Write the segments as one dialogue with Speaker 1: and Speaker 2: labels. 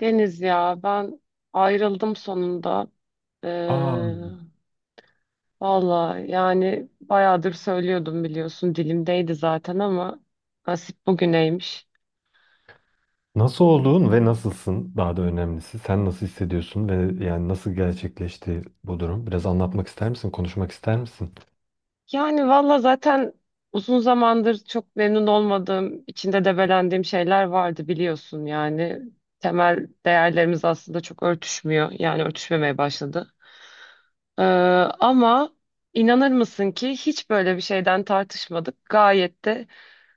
Speaker 1: Deniz ya ben ayrıldım sonunda.
Speaker 2: Aa,
Speaker 1: Ee, Valla yani bayağıdır söylüyordum biliyorsun, dilimdeydi zaten, ama nasip bugüneymiş.
Speaker 2: nasıl olduğun ve nasılsın daha da önemlisi. Sen nasıl hissediyorsun ve yani nasıl gerçekleşti bu durum? Biraz anlatmak ister misin? Konuşmak ister misin?
Speaker 1: Yani valla zaten uzun zamandır çok memnun olmadığım, içinde debelendiğim şeyler vardı biliyorsun yani. Temel değerlerimiz aslında çok örtüşmüyor, yani örtüşmemeye başladı. Ee, ama inanır mısın ki hiç böyle bir şeyden tartışmadık. Gayet de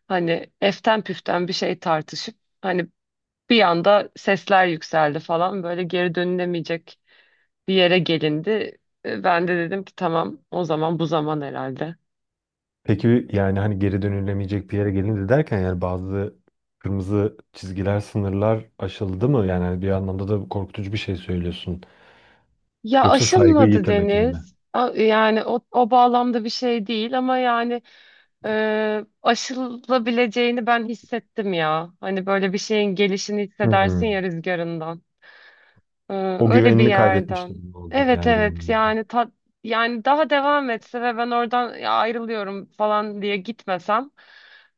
Speaker 1: hani eften püften bir şey tartışıp, hani bir anda sesler yükseldi falan, böyle geri dönülemeyecek bir yere gelindi. Ben de dedim ki tamam, o zaman bu zaman herhalde.
Speaker 2: Peki yani hani geri dönülemeyecek bir yere gelindi derken yani bazı kırmızı çizgiler, sınırlar aşıldı mı? Yani hani bir anlamda da korkutucu bir şey söylüyorsun.
Speaker 1: Ya
Speaker 2: Yoksa saygıyı
Speaker 1: aşılmadı
Speaker 2: yitirmek gibi mi?
Speaker 1: Deniz. Yani o bağlamda bir şey değil, ama yani aşılabileceğini ben hissettim ya. Hani böyle bir şeyin gelişini hissedersin
Speaker 2: Hmm.
Speaker 1: ya, rüzgarından. Ee,
Speaker 2: O
Speaker 1: öyle bir
Speaker 2: güvenini kaybetmiş
Speaker 1: yerden.
Speaker 2: gibi mi oldun
Speaker 1: Evet,
Speaker 2: yani
Speaker 1: evet,
Speaker 2: benim?
Speaker 1: yani yani daha devam etse ve ben oradan "Ya ayrılıyorum" falan diye gitmesem,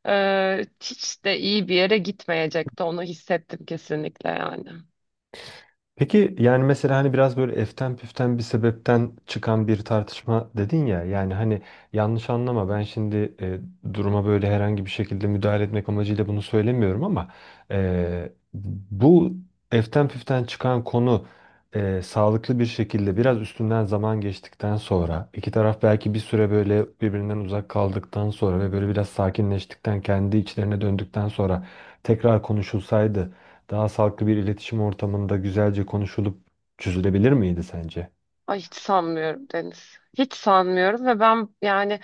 Speaker 1: hiç de iyi bir yere gitmeyecekti, onu hissettim kesinlikle yani.
Speaker 2: Peki yani mesela hani biraz böyle eften püften bir sebepten çıkan bir tartışma dedin ya yani hani yanlış anlama ben şimdi duruma böyle herhangi bir şekilde müdahale etmek amacıyla bunu söylemiyorum ama e, bu eften püften çıkan konu sağlıklı bir şekilde biraz üstünden zaman geçtikten sonra iki taraf belki bir süre böyle birbirinden uzak kaldıktan sonra ve böyle biraz sakinleştikten kendi içlerine döndükten sonra tekrar konuşulsaydı daha sağlıklı bir iletişim ortamında güzelce konuşulup çözülebilir miydi sence?
Speaker 1: Ay hiç sanmıyorum Deniz. Hiç sanmıyorum, ve ben yani,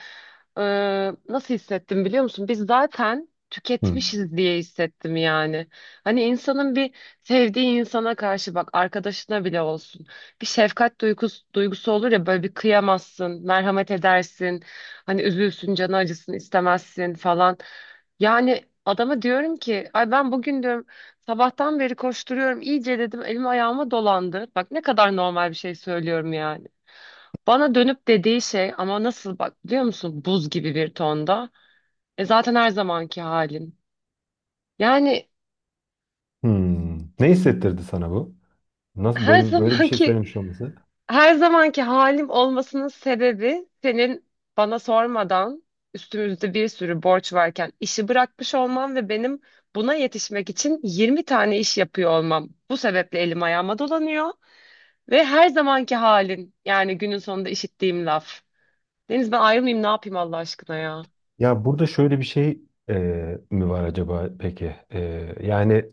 Speaker 1: Nasıl hissettim biliyor musun? Biz zaten
Speaker 2: Hı.
Speaker 1: tüketmişiz diye hissettim yani. Hani insanın bir sevdiği insana karşı, bak arkadaşına bile olsun, bir şefkat duygusu olur ya, böyle bir kıyamazsın, merhamet edersin. Hani üzülsün, canı acısın, istemezsin falan. Yani adama diyorum ki, ay ben bugün diyorum sabahtan beri koşturuyorum iyice, dedim elim ayağıma dolandı. Bak ne kadar normal bir şey söylüyorum yani. Bana dönüp dediği şey, ama nasıl bak biliyor musun, buz gibi bir tonda: "E zaten her zamanki halim." Yani
Speaker 2: Hmm. Ne hissettirdi sana bu? Nasıl
Speaker 1: her
Speaker 2: böyle bir şey
Speaker 1: zamanki
Speaker 2: söylemiş olması?
Speaker 1: her zamanki halim olmasının sebebi, senin bana sormadan üstümüzde bir sürü borç varken işi bırakmış olmam ve benim buna yetişmek için 20 tane iş yapıyor olmam. Bu sebeple elim ayağıma dolanıyor ve her zamanki halin, yani günün sonunda işittiğim laf. Deniz ben ayrılmayayım ne yapayım Allah aşkına ya.
Speaker 2: Ya burada şöyle bir şey e, mi var acaba peki? Yani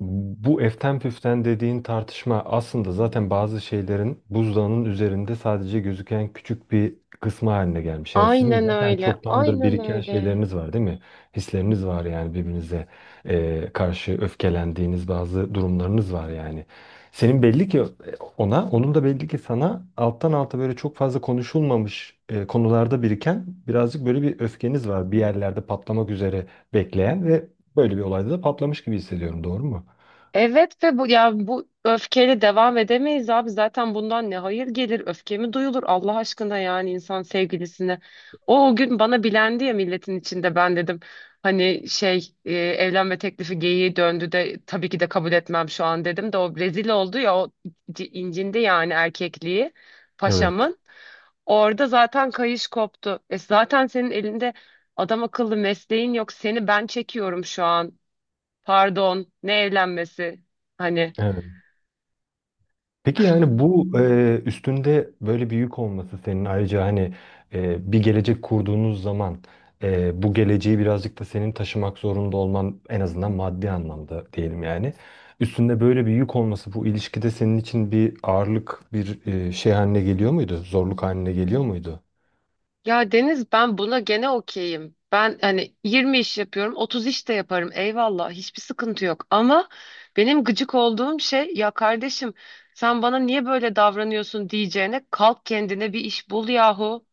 Speaker 2: bu eften püften dediğin tartışma aslında zaten bazı şeylerin buzdağının üzerinde sadece gözüken küçük bir kısmı haline gelmiş. Yani sizin
Speaker 1: Aynen
Speaker 2: zaten
Speaker 1: öyle.
Speaker 2: çoktandır
Speaker 1: Aynen
Speaker 2: biriken
Speaker 1: öyle.
Speaker 2: şeyleriniz var değil mi? Hisleriniz var yani birbirinize karşı öfkelendiğiniz bazı durumlarınız var yani. Senin belli ki ona, onun da belli ki sana alttan alta böyle çok fazla konuşulmamış konularda biriken birazcık böyle bir öfkeniz var. Bir yerlerde patlamak üzere bekleyen ve böyle bir olayda da patlamış gibi hissediyorum. Doğru mu?
Speaker 1: Evet, ve bu ya bu öfkeyle devam edemeyiz abi. Zaten bundan ne hayır gelir? Öfke mi duyulur Allah aşkına, yani insan sevgilisine? O gün bana bilendi ya milletin içinde, ben dedim. Hani şey, evlenme teklifi geyiği döndü de, tabii ki de kabul etmem şu an dedim, de o rezil oldu ya, o incindi yani, erkekliği
Speaker 2: Evet.
Speaker 1: paşamın. Orada zaten kayış koptu. Zaten senin elinde adam akıllı mesleğin yok. Seni ben çekiyorum şu an. Pardon, ne evlenmesi? Hani
Speaker 2: Evet. Peki yani bu üstünde böyle bir yük olması senin ayrıca hani bir gelecek kurduğunuz zaman bu geleceği birazcık da senin taşımak zorunda olman en azından maddi anlamda diyelim yani. Üstünde böyle bir yük olması bu ilişkide senin için bir ağırlık bir şey haline geliyor muydu? Zorluk haline geliyor muydu?
Speaker 1: ya Deniz, ben buna gene okeyim. Ben hani 20 iş yapıyorum, 30 iş de yaparım. Eyvallah, hiçbir sıkıntı yok. Ama benim gıcık olduğum şey, ya kardeşim, sen bana niye böyle davranıyorsun diyeceğine, kalk kendine bir iş bul yahu.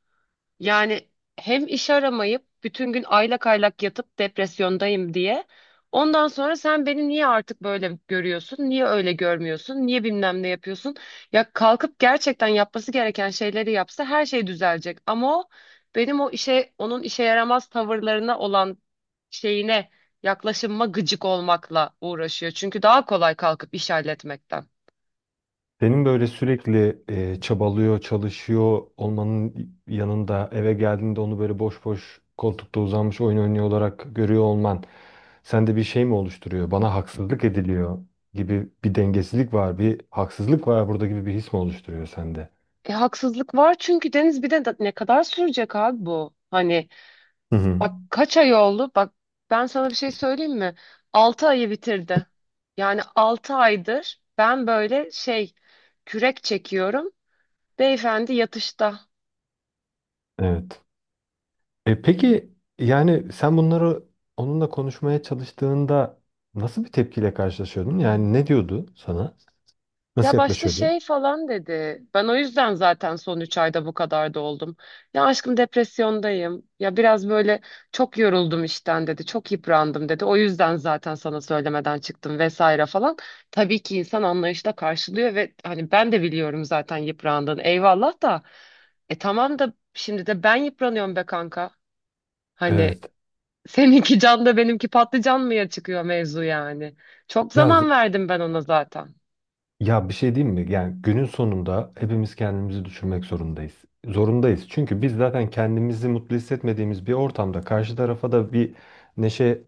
Speaker 1: Yani hem iş aramayıp bütün gün aylak aylak yatıp depresyondayım diye. Ondan sonra sen beni niye artık böyle görüyorsun? Niye öyle görmüyorsun? Niye bilmem ne yapıyorsun? Ya kalkıp gerçekten yapması gereken şeyleri yapsa her şey düzelecek. Ama o benim o işe onun işe yaramaz tavırlarına olan şeyine yaklaşımıma gıcık olmakla uğraşıyor. Çünkü daha kolay kalkıp iş halletmekten.
Speaker 2: Senin böyle sürekli çabalıyor, çalışıyor olmanın yanında eve geldiğinde onu böyle boş boş koltukta uzanmış oyun oynuyor olarak görüyor olman sende bir şey mi oluşturuyor? Bana haksızlık ediliyor gibi bir dengesizlik var, bir haksızlık var burada gibi bir his mi oluşturuyor sende?
Speaker 1: Haksızlık var çünkü Deniz, bir de ne kadar sürecek abi bu? Hani
Speaker 2: Hı hı.
Speaker 1: bak kaç ay oldu? Bak ben sana bir şey söyleyeyim mi? 6 ayı bitirdi. Yani 6 aydır ben böyle şey, kürek çekiyorum. Beyefendi yatışta.
Speaker 2: Evet. Peki yani sen bunları onunla konuşmaya çalıştığında nasıl bir tepkiyle karşılaşıyordun? Yani ne diyordu sana?
Speaker 1: Ya
Speaker 2: Nasıl
Speaker 1: başta
Speaker 2: yaklaşıyordu?
Speaker 1: şey falan dedi. Ben o yüzden zaten son 3 ayda bu kadar da oldum. Ya aşkım depresyondayım. Ya biraz böyle çok yoruldum işten dedi. Çok yıprandım dedi. O yüzden zaten sana söylemeden çıktım vesaire falan. Tabii ki insan anlayışla karşılıyor ve hani ben de biliyorum zaten yıprandığını. Eyvallah da. Tamam da, şimdi de ben yıpranıyorum be kanka. Hani
Speaker 2: Evet.
Speaker 1: seninki can da benimki patlıcan mıya çıkıyor mevzu yani. Çok
Speaker 2: Ya
Speaker 1: zaman verdim ben ona zaten.
Speaker 2: Bir şey diyeyim mi? Yani günün sonunda hepimiz kendimizi düşünmek zorundayız. Zorundayız. Çünkü biz zaten kendimizi mutlu hissetmediğimiz bir ortamda karşı tarafa da bir neşe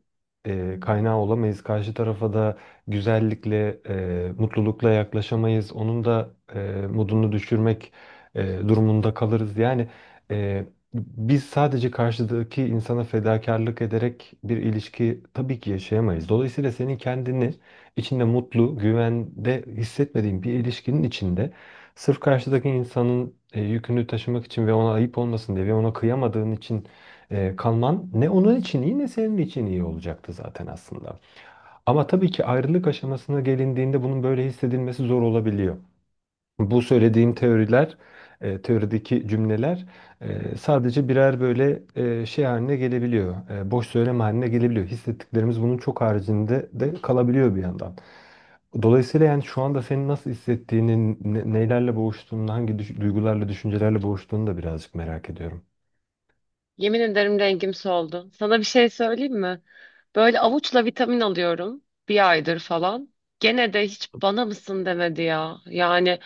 Speaker 2: kaynağı olamayız. Karşı tarafa da güzellikle, mutlulukla yaklaşamayız. Onun da modunu düşürmek durumunda kalırız. Yani e, biz sadece karşıdaki insana fedakarlık ederek bir ilişki tabii ki yaşayamayız. Dolayısıyla senin kendini içinde mutlu, güvende hissetmediğin bir ilişkinin içinde sırf karşıdaki insanın yükünü taşımak için ve ona ayıp olmasın diye ve ona kıyamadığın için kalman ne onun için iyi ne senin için iyi olacaktı zaten aslında. Ama tabii ki ayrılık aşamasına gelindiğinde bunun böyle hissedilmesi zor olabiliyor. Bu söylediğim teoriler, teorideki cümleler sadece birer böyle şey haline gelebiliyor. Boş söylem haline gelebiliyor. Hissettiklerimiz bunun çok haricinde de kalabiliyor bir yandan. Dolayısıyla yani şu anda senin nasıl hissettiğini, nelerle boğuştuğunu, hangi duygularla, düşüncelerle boğuştuğunu da birazcık merak ediyorum.
Speaker 1: Yemin ederim rengim soldu. Sana bir şey söyleyeyim mi? Böyle avuçla vitamin alıyorum, bir aydır falan. Gene de hiç bana mısın demedi ya. Yani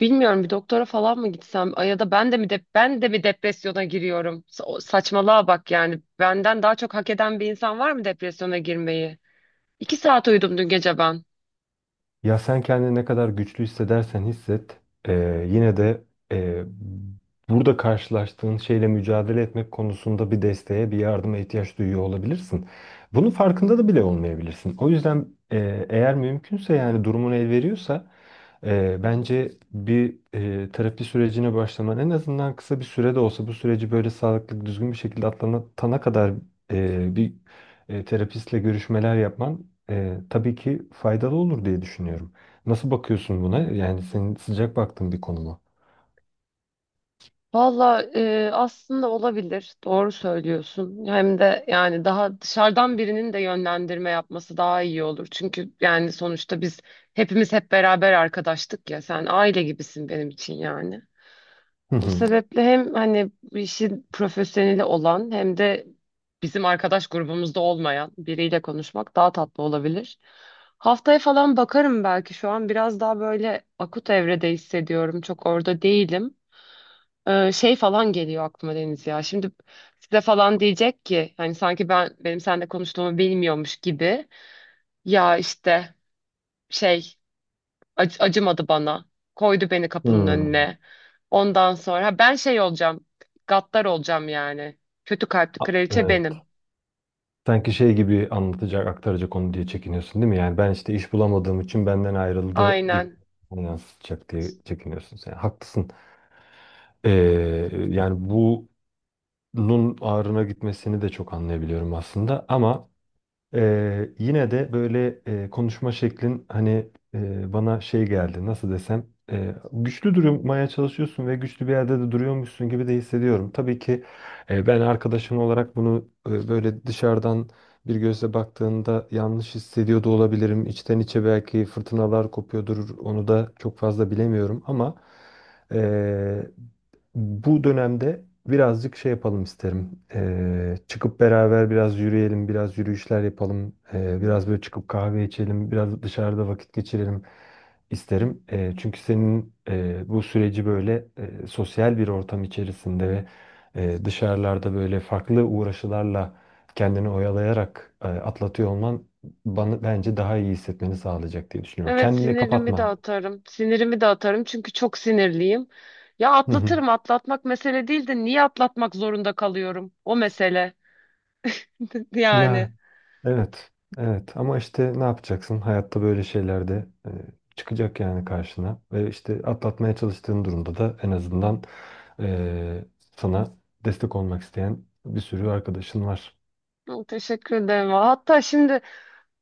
Speaker 1: bilmiyorum, bir doktora falan mı gitsem, ya da ben de mi depresyona giriyorum? Saçmalığa bak yani. Benden daha çok hak eden bir insan var mı depresyona girmeyi? 2 saat uyudum dün gece ben.
Speaker 2: Ya sen kendini ne kadar güçlü hissedersen hisset, yine de eee, burada karşılaştığın şeyle mücadele etmek konusunda bir desteğe, bir yardıma ihtiyaç duyuyor olabilirsin. Bunun farkında da bile olmayabilirsin. O yüzden eğer mümkünse yani durumun el veriyorsa bence bir terapi sürecine başlaman en azından kısa bir sürede olsa bu süreci böyle sağlıklı, düzgün bir şekilde atlatana kadar bir terapistle görüşmeler yapman tabii ki faydalı olur diye düşünüyorum. Nasıl bakıyorsun buna? Yani senin sıcak baktığın bir konu mu?
Speaker 1: Valla aslında olabilir. Doğru söylüyorsun. Hem de yani daha dışarıdan birinin de yönlendirme yapması daha iyi olur. Çünkü yani sonuçta biz hepimiz hep beraber arkadaştık ya. Sen aile gibisin benim için yani.
Speaker 2: Hı
Speaker 1: O
Speaker 2: hı.
Speaker 1: sebeple hem hani bu işin profesyoneli olan, hem de bizim arkadaş grubumuzda olmayan biriyle konuşmak daha tatlı olabilir. Haftaya falan bakarım belki. Şu an biraz daha böyle akut evrede hissediyorum. Çok orada değilim. Şey falan geliyor aklıma Deniz ya. Şimdi size falan diyecek ki, hani sanki benim seninle konuştuğumu bilmiyormuş gibi. Ya işte şey, acımadı bana. Koydu beni kapının
Speaker 2: Hmm.
Speaker 1: önüne. Ondan sonra ha ben şey olacağım. Gaddar olacağım yani. Kötü kalpli kraliçe
Speaker 2: Evet.
Speaker 1: benim.
Speaker 2: Sanki şey gibi anlatacak, aktaracak onu diye çekiniyorsun değil mi? Yani ben işte iş bulamadığım için benden ayrıldı gibi
Speaker 1: Aynen.
Speaker 2: yansıtacak diye çekiniyorsun sen. Haklısın. Ee, Yani bunun ağrına gitmesini de çok anlayabiliyorum aslında ama yine de böyle konuşma şeklin hani bana şey geldi nasıl desem güçlü durmaya çalışıyorsun ve güçlü bir yerde de duruyormuşsun gibi de hissediyorum. Tabii ki ben arkadaşın olarak bunu böyle dışarıdan bir gözle baktığında yanlış hissediyor da olabilirim. İçten içe belki fırtınalar kopuyordur onu da çok fazla bilemiyorum ama e, bu dönemde birazcık şey yapalım isterim. Çıkıp beraber biraz yürüyelim, biraz yürüyüşler yapalım. Biraz böyle çıkıp kahve içelim, biraz dışarıda vakit geçirelim isterim. Çünkü senin bu süreci böyle sosyal bir ortam içerisinde ve dışarılarda böyle farklı uğraşılarla kendini oyalayarak atlatıyor olman bana bence daha iyi hissetmeni sağlayacak diye düşünüyorum.
Speaker 1: Evet,
Speaker 2: Kendini
Speaker 1: sinirimi de
Speaker 2: kapatma.
Speaker 1: atarım. Sinirimi de atarım çünkü çok sinirliyim. Ya
Speaker 2: Hı hı.
Speaker 1: atlatırım, atlatmak mesele değil de niye atlatmak zorunda kalıyorum? O mesele yani.
Speaker 2: Ya evet, evet ama işte ne yapacaksın? Hayatta böyle şeyler de çıkacak yani karşına. Ve işte atlatmaya çalıştığın durumda da en azından e, sana destek olmak isteyen bir sürü arkadaşın var.
Speaker 1: Hı, teşekkür ederim. Hatta şimdi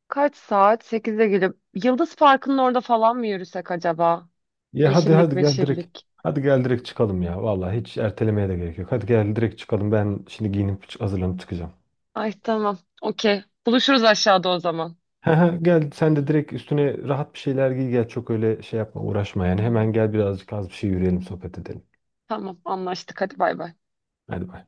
Speaker 1: kaç saat? 8'e gelip Yıldız Parkı'nın orada falan mı yürüsek acaba?
Speaker 2: Ya hadi
Speaker 1: Yeşillik
Speaker 2: hadi gel direkt.
Speaker 1: meşillik.
Speaker 2: Hadi gel direkt çıkalım ya. Vallahi hiç ertelemeye de gerek yok. Hadi gel direkt çıkalım. Ben şimdi giyinip hazırlanıp çıkacağım.
Speaker 1: Ay tamam. Okey. Buluşuruz aşağıda o zaman.
Speaker 2: He he, gel sen de direkt üstüne rahat bir şeyler giy gel. Çok öyle şey yapma uğraşma yani. Hemen gel birazcık az bir şey yürüyelim sohbet edelim.
Speaker 1: Tamam anlaştık. Hadi bay bay.
Speaker 2: Hadi bay.